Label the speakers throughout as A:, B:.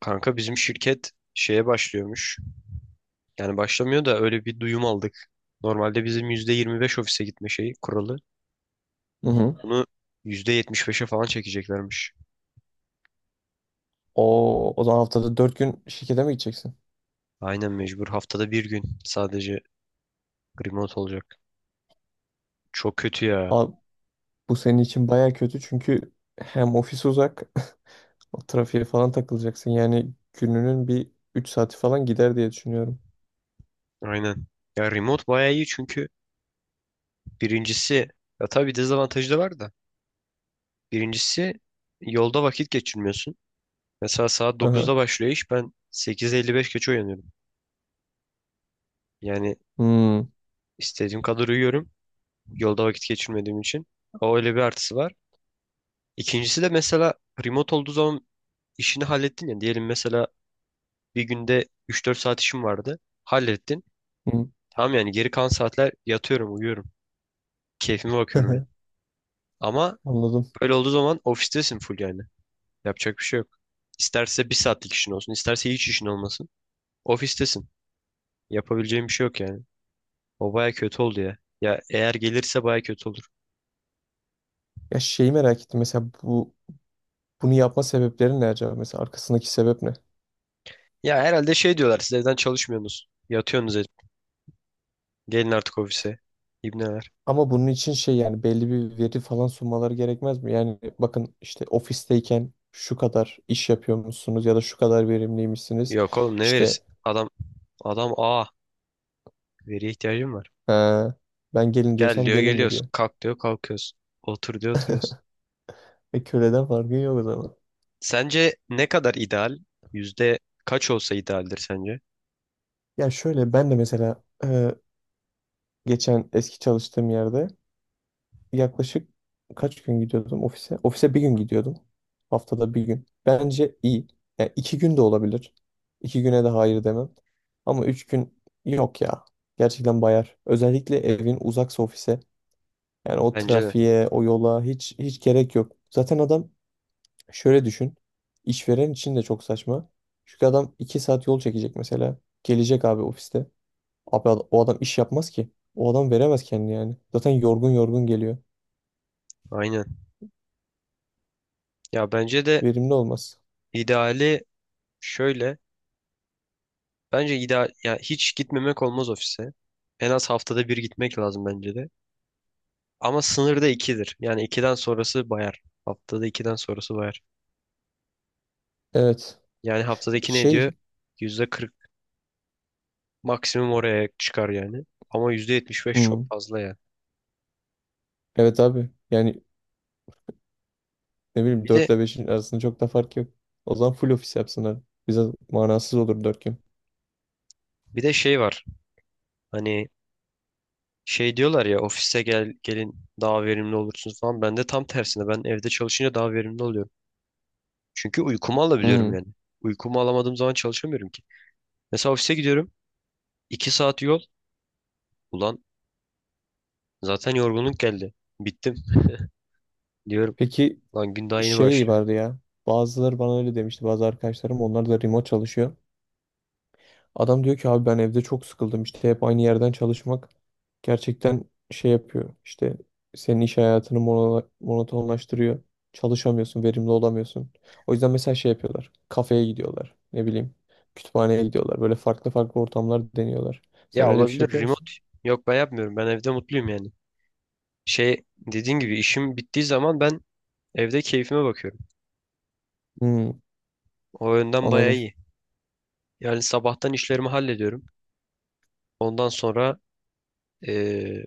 A: Kanka bizim şirket şeye başlıyormuş. Yani başlamıyor da öyle bir duyum aldık. Normalde bizim %25 ofise gitme şeyi kuralı.
B: Hı hı.
A: Bunu %75'e falan çekeceklermiş.
B: O zaman haftada 4 gün şirkete mi gideceksin?
A: Aynen mecbur. Haftada bir gün sadece remote olacak. Çok kötü ya.
B: Abi, bu senin için baya kötü çünkü hem ofis uzak, o trafiğe falan takılacaksın. Yani gününün bir 3 saati falan gider diye düşünüyorum.
A: Aynen. Ya remote bayağı iyi çünkü birincisi ya tabii dezavantajı da var da. Birincisi yolda vakit geçirmiyorsun. Mesela saat
B: Aha.
A: dokuzda başlıyor iş, ben 8:55 geç uyanıyorum. Yani
B: Hmm.
A: istediğim kadar uyuyorum. Yolda vakit geçirmediğim için. O öyle bir artısı var. İkincisi de mesela remote olduğu zaman işini hallettin ya. Diyelim mesela bir günde 3-4 saat işim vardı. Hallettin.
B: Hmm.
A: Tamam, yani geri kalan saatler yatıyorum, uyuyorum. Keyfime bakıyorum yani. Ama
B: Anladım.
A: böyle olduğu zaman ofistesin full yani. Yapacak bir şey yok. İsterse bir saatlik işin olsun, isterse hiç işin olmasın. Ofistesin. Yapabileceğim bir şey yok yani. O baya kötü oldu ya. Ya eğer gelirse baya kötü olur.
B: Ya şeyi merak ettim. Mesela bunu yapma sebepleri ne acaba? Mesela arkasındaki sebep ne?
A: Ya herhalde şey diyorlar, siz evden çalışmıyorsunuz, yatıyorsunuz. Gelin artık ofise. İbneler.
B: Ama bunun için şey yani belli bir veri falan sunmaları gerekmez mi? Yani bakın işte ofisteyken şu kadar iş yapıyormuşsunuz ya da şu kadar verimliymişsiniz.
A: Yok oğlum, ne
B: İşte.
A: verirsin? Adam veriye ihtiyacım var.
B: Ha, ben gelin
A: Gel
B: diyorsam
A: diyor
B: gelin mi
A: geliyoruz.
B: diyor.
A: Kalk diyor kalkıyoruz. Otur diyor oturuyoruz.
B: E köleden farkı yok o zaman.
A: Sence ne kadar ideal? Yüzde kaç olsa idealdir sence?
B: Ya şöyle ben de mesela geçen eski çalıştığım yerde yaklaşık kaç gün gidiyordum ofise? Ofise bir gün gidiyordum. Haftada bir gün. Bence iyi. Yani iki gün de olabilir. İki güne de hayır demem. Ama üç gün yok ya. Gerçekten bayar. Özellikle evin uzaksa ofise. Yani o
A: Bence de.
B: trafiğe, o yola hiç hiç gerek yok. Zaten adam. Şöyle düşün. İşveren için de çok saçma. Çünkü adam 2 saat yol çekecek mesela. Gelecek abi ofiste. O adam iş yapmaz ki. O adam veremez kendini yani. Zaten yorgun yorgun geliyor.
A: Aynen. Ya bence de
B: Verimli olmaz.
A: ideali şöyle. Bence ideal, ya hiç gitmemek olmaz ofise. En az haftada bir gitmek lazım bence de. Ama sınırda ikidir. Yani ikiden sonrası bayar. Haftada ikiden sonrası bayar.
B: Evet.
A: Yani haftada iki ne ediyor?
B: Şey.
A: %40. Maksimum oraya çıkar yani. Ama %75
B: hmm,
A: çok fazla yani.
B: Evet abi. Yani ne bileyim
A: Bir de
B: 4 ile 5'in arasında çok da fark yok. O zaman full ofis yapsınlar. Bize manasız olur 4 gün.
A: bir de şey var. Hani şey diyorlar ya, ofise gel, gelin daha verimli olursunuz falan. Ben de tam tersine, ben evde çalışınca daha verimli oluyorum. Çünkü uykumu alabiliyorum
B: Hmm.
A: yani. Uykumu alamadığım zaman çalışamıyorum ki. Mesela ofise gidiyorum. 2 saat yol. Ulan zaten yorgunluk geldi. Bittim diyorum.
B: Peki
A: Lan gün daha yeni
B: şey
A: başlıyor.
B: vardı ya. Bazıları bana öyle demişti. Bazı arkadaşlarım onlar da remote çalışıyor. Adam diyor ki abi ben evde çok sıkıldım işte hep aynı yerden çalışmak gerçekten şey yapıyor işte senin iş hayatını monotonlaştırıyor. Çalışamıyorsun, verimli olamıyorsun. O yüzden mesela şey yapıyorlar. Kafeye gidiyorlar. Ne bileyim kütüphaneye gidiyorlar. Böyle farklı farklı ortamlar deniyorlar. Sen
A: Ya
B: öyle bir şey
A: olabilir
B: yapıyor musun?
A: remote. Yok ben yapmıyorum. Ben evde mutluyum yani. Şey, dediğin gibi işim bittiği zaman ben evde keyfime bakıyorum.
B: Hmm,
A: O yönden bayağı
B: anladım.
A: iyi. Yani sabahtan işlerimi hallediyorum. Ondan sonra eee,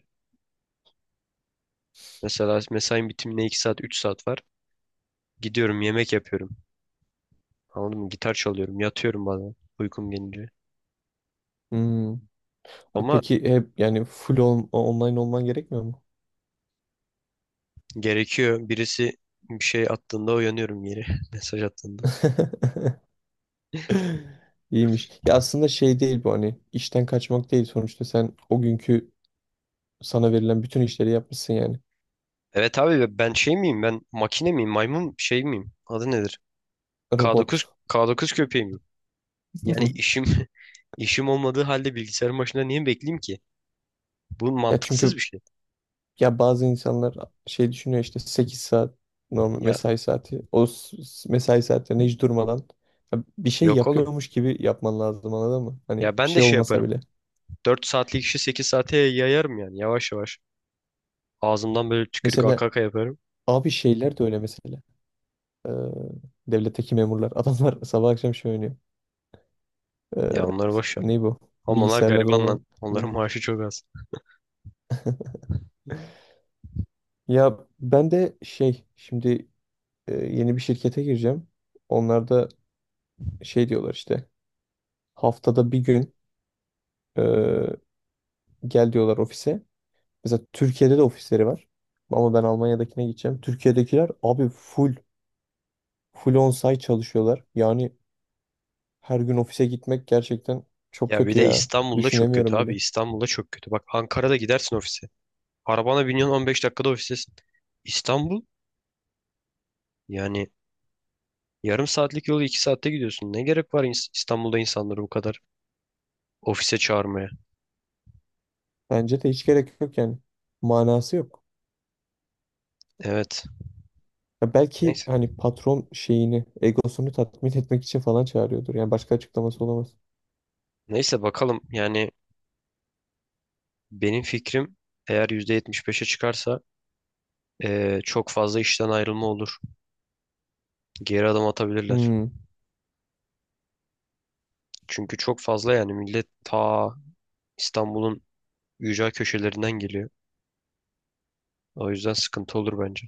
A: mesela mesain bitimine 2 saat 3 saat var. Gidiyorum yemek yapıyorum. Anladın mı? Gitar çalıyorum. Yatıyorum bazen uykum gelince.
B: Hmm.
A: Ama
B: Peki hep yani online olman gerekmiyor mu?
A: gerekiyor. Birisi bir şey attığında uyanıyorum yeri. Mesaj attığında.
B: İyiymiş. Ya aslında şey değil bu hani işten kaçmak değil sonuçta sen o günkü. Sana verilen bütün işleri yapmışsın yani.
A: Evet abi, ben şey miyim? Ben makine miyim? Maymun şey miyim? Adı nedir? K9,
B: Robot.
A: K9 köpeği miyim? Yani işim işim olmadığı halde bilgisayarın başında niye bekleyeyim ki? Bu
B: Ya
A: mantıksız
B: çünkü
A: bir şey.
B: ya bazı insanlar şey düşünüyor işte 8 saat normal
A: Ya
B: mesai saati. Mesai saatlerinde hiç durmadan ya bir şey
A: yok oğlum.
B: yapıyormuş gibi yapman lazım anladın mı? Hani
A: Ya
B: bir
A: ben de
B: şey
A: şey
B: olmasa
A: yaparım.
B: bile.
A: 4 saatlik işi 8 saate yayarım yani, yavaş yavaş. Ağzımdan böyle tükürük aka
B: Mesela
A: aka yaparım.
B: abi şeyler de öyle mesela. Ee, devletteki memurlar. Adamlar sabah akşam şey oynuyor. Ee,
A: Ya onları boş ver.
B: ne bu?
A: Ama onlar
B: Bilgisayarlarda
A: gariban lan.
B: olan
A: Onların
B: oyunlar.
A: maaşı çok az.
B: Ya ben de şey şimdi yeni bir şirkete gireceğim. Onlarda şey diyorlar işte haftada bir gün, e, gel diyorlar ofise. Mesela Türkiye'de de ofisleri var. Ama ben Almanya'dakine gideceğim. Türkiye'dekiler abi full on-site çalışıyorlar. Yani her gün ofise gitmek gerçekten çok
A: Ya bir
B: kötü
A: de
B: ya.
A: İstanbul'da çok kötü
B: Düşünemiyorum
A: abi.
B: bile.
A: İstanbul'da çok kötü. Bak, Ankara'da gidersin ofise. Arabana biniyorsun, 15 dakikada ofistesin. İstanbul, yani yarım saatlik yolu 2 saatte gidiyorsun. Ne gerek var İstanbul'da insanları bu kadar ofise çağırmaya?
B: Bence de hiç gerek yok yani. Manası yok.
A: Evet.
B: Ya belki
A: Neyse.
B: hani patron şeyini, egosunu tatmin etmek için falan çağırıyordur. Yani başka açıklaması olamaz.
A: Neyse bakalım yani, benim fikrim, eğer %75'e çıkarsa çok fazla işten ayrılma olur. Geri adım atabilirler.
B: Hmm.
A: Çünkü çok fazla, yani millet ta İstanbul'un ücra köşelerinden geliyor. O yüzden sıkıntı olur bence.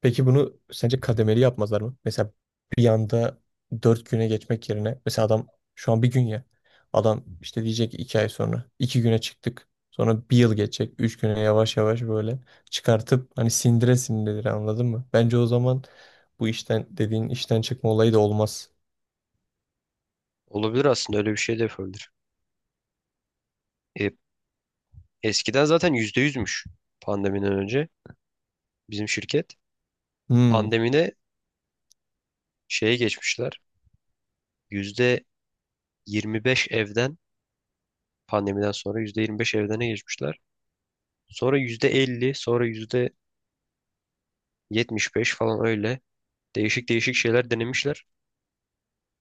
B: Peki bunu sence kademeli yapmazlar mı? Mesela bir anda dört güne geçmek yerine mesela adam şu an bir gün ya adam işte diyecek ki iki ay sonra iki güne çıktık sonra bir yıl geçecek üç güne yavaş yavaş böyle çıkartıp hani sindire sindirir anladın mı? Bence o zaman bu işten dediğin işten çıkma olayı da olmaz.
A: Olabilir, aslında öyle bir şey de yapabilir. E, eskiden zaten %100'müş pandemiden önce bizim şirket.
B: Hmm.
A: Pandemide şeye geçmişler. Yüzde. 25 evden, pandemiden sonra %25 evdene geçmişler. Sonra %50, sonra %75 falan, öyle değişik değişik şeyler denemişler.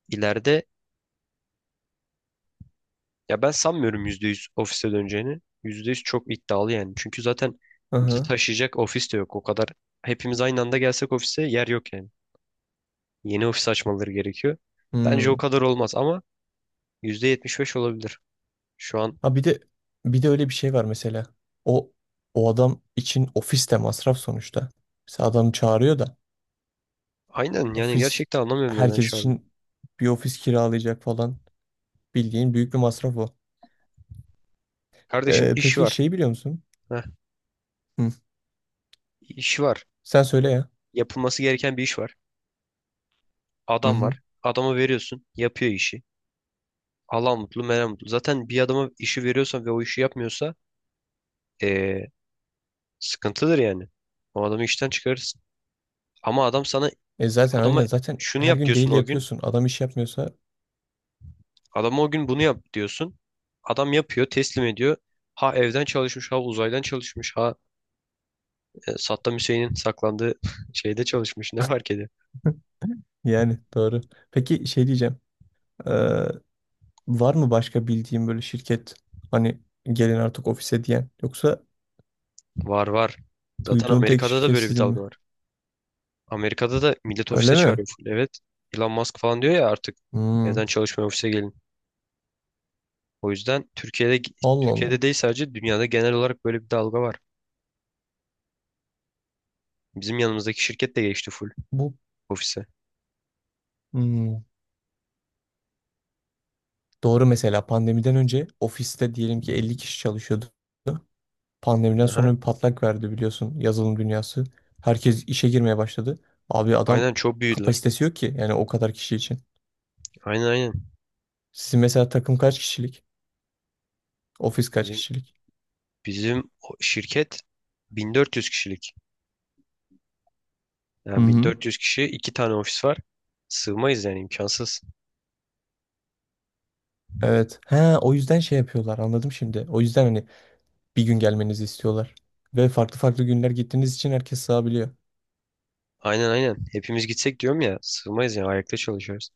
A: İleride, ya ben sanmıyorum %100 ofise döneceğini. %100 çok iddialı yani. Çünkü zaten bizi
B: Aha.
A: taşıyacak ofis de yok. O kadar hepimiz aynı anda gelsek ofise yer yok yani. Yeni ofis açmaları gerekiyor. Bence o
B: Hmm.
A: kadar olmaz ama %75 olabilir. Şu an
B: Ha bir de Bir de öyle bir şey var mesela. O o adam için ofis de masraf sonuçta. Mesela adam çağırıyor da.
A: aynen, yani
B: Ofis
A: gerçekten anlamıyorum neden
B: herkes
A: şu an.
B: için bir ofis kiralayacak falan. Bildiğin büyük bir masraf o.
A: Kardeşim, iş
B: Peki
A: var.
B: şey biliyor musun?
A: Heh,
B: Hı.
A: iş var.
B: Sen söyle ya.
A: Yapılması gereken bir iş var.
B: Hı
A: Adam
B: hı.
A: var. Adama veriyorsun. Yapıyor işi. Allah mutlu, Meryem mutlu. Zaten bir adama işi veriyorsan ve o işi yapmıyorsa eee, sıkıntıdır yani. O adamı işten çıkarırsın. Ama
B: E zaten
A: adama
B: aynen zaten
A: şunu
B: her
A: yap
B: gün
A: diyorsun
B: daily
A: o gün.
B: yapıyorsun. Adam iş yapmıyorsa.
A: Adama o gün bunu yap diyorsun. Adam yapıyor, teslim ediyor. Ha evden çalışmış, ha uzaydan çalışmış, ha Saddam Hüseyin'in saklandığı şeyde çalışmış. Ne fark ediyor?
B: Yani doğru. Peki şey diyeceğim. Ee, var mı başka bildiğin böyle şirket hani gelin artık ofise diyen yoksa
A: Var var. Zaten
B: duyduğun tek
A: Amerika'da da
B: şirket
A: böyle bir
B: sizin
A: dalga
B: mi?
A: var. Amerika'da da millet ofise
B: Öyle mi?
A: çağırıyor full. Evet. Elon Musk falan diyor ya, artık
B: Hmm.
A: evden çalışmaya, ofise gelin. O yüzden Türkiye'de
B: Allah
A: Türkiye'de
B: Allah.
A: değil, sadece dünyada genel olarak böyle bir dalga var. Bizim yanımızdaki şirket de geçti full
B: Bu
A: ofise.
B: hmm doğru. Mesela pandemiden önce ofiste diyelim ki 50 kişi çalışıyordu. Pandemiden
A: Aha.
B: sonra bir patlak verdi biliyorsun yazılım dünyası. Herkes işe girmeye başladı. Abi adam
A: Aynen, çok büyüdüler.
B: kapasitesi yok ki yani o kadar kişi için.
A: Aynen aynen.
B: Sizin mesela takım kaç kişilik? Ofis kaç
A: Bizim
B: kişilik?
A: bizim o şirket 1400 kişilik.
B: Hı
A: Yani
B: hı.
A: 1400 kişi, iki tane ofis var. Sığmayız yani, imkansız.
B: Evet. He, o yüzden şey yapıyorlar anladım şimdi. O yüzden hani bir gün gelmenizi istiyorlar. Ve farklı farklı günler gittiğiniz için herkes sığabiliyor.
A: Aynen aynen. Hepimiz gitsek diyorum ya, sığmayız yani, ayakta çalışıyoruz.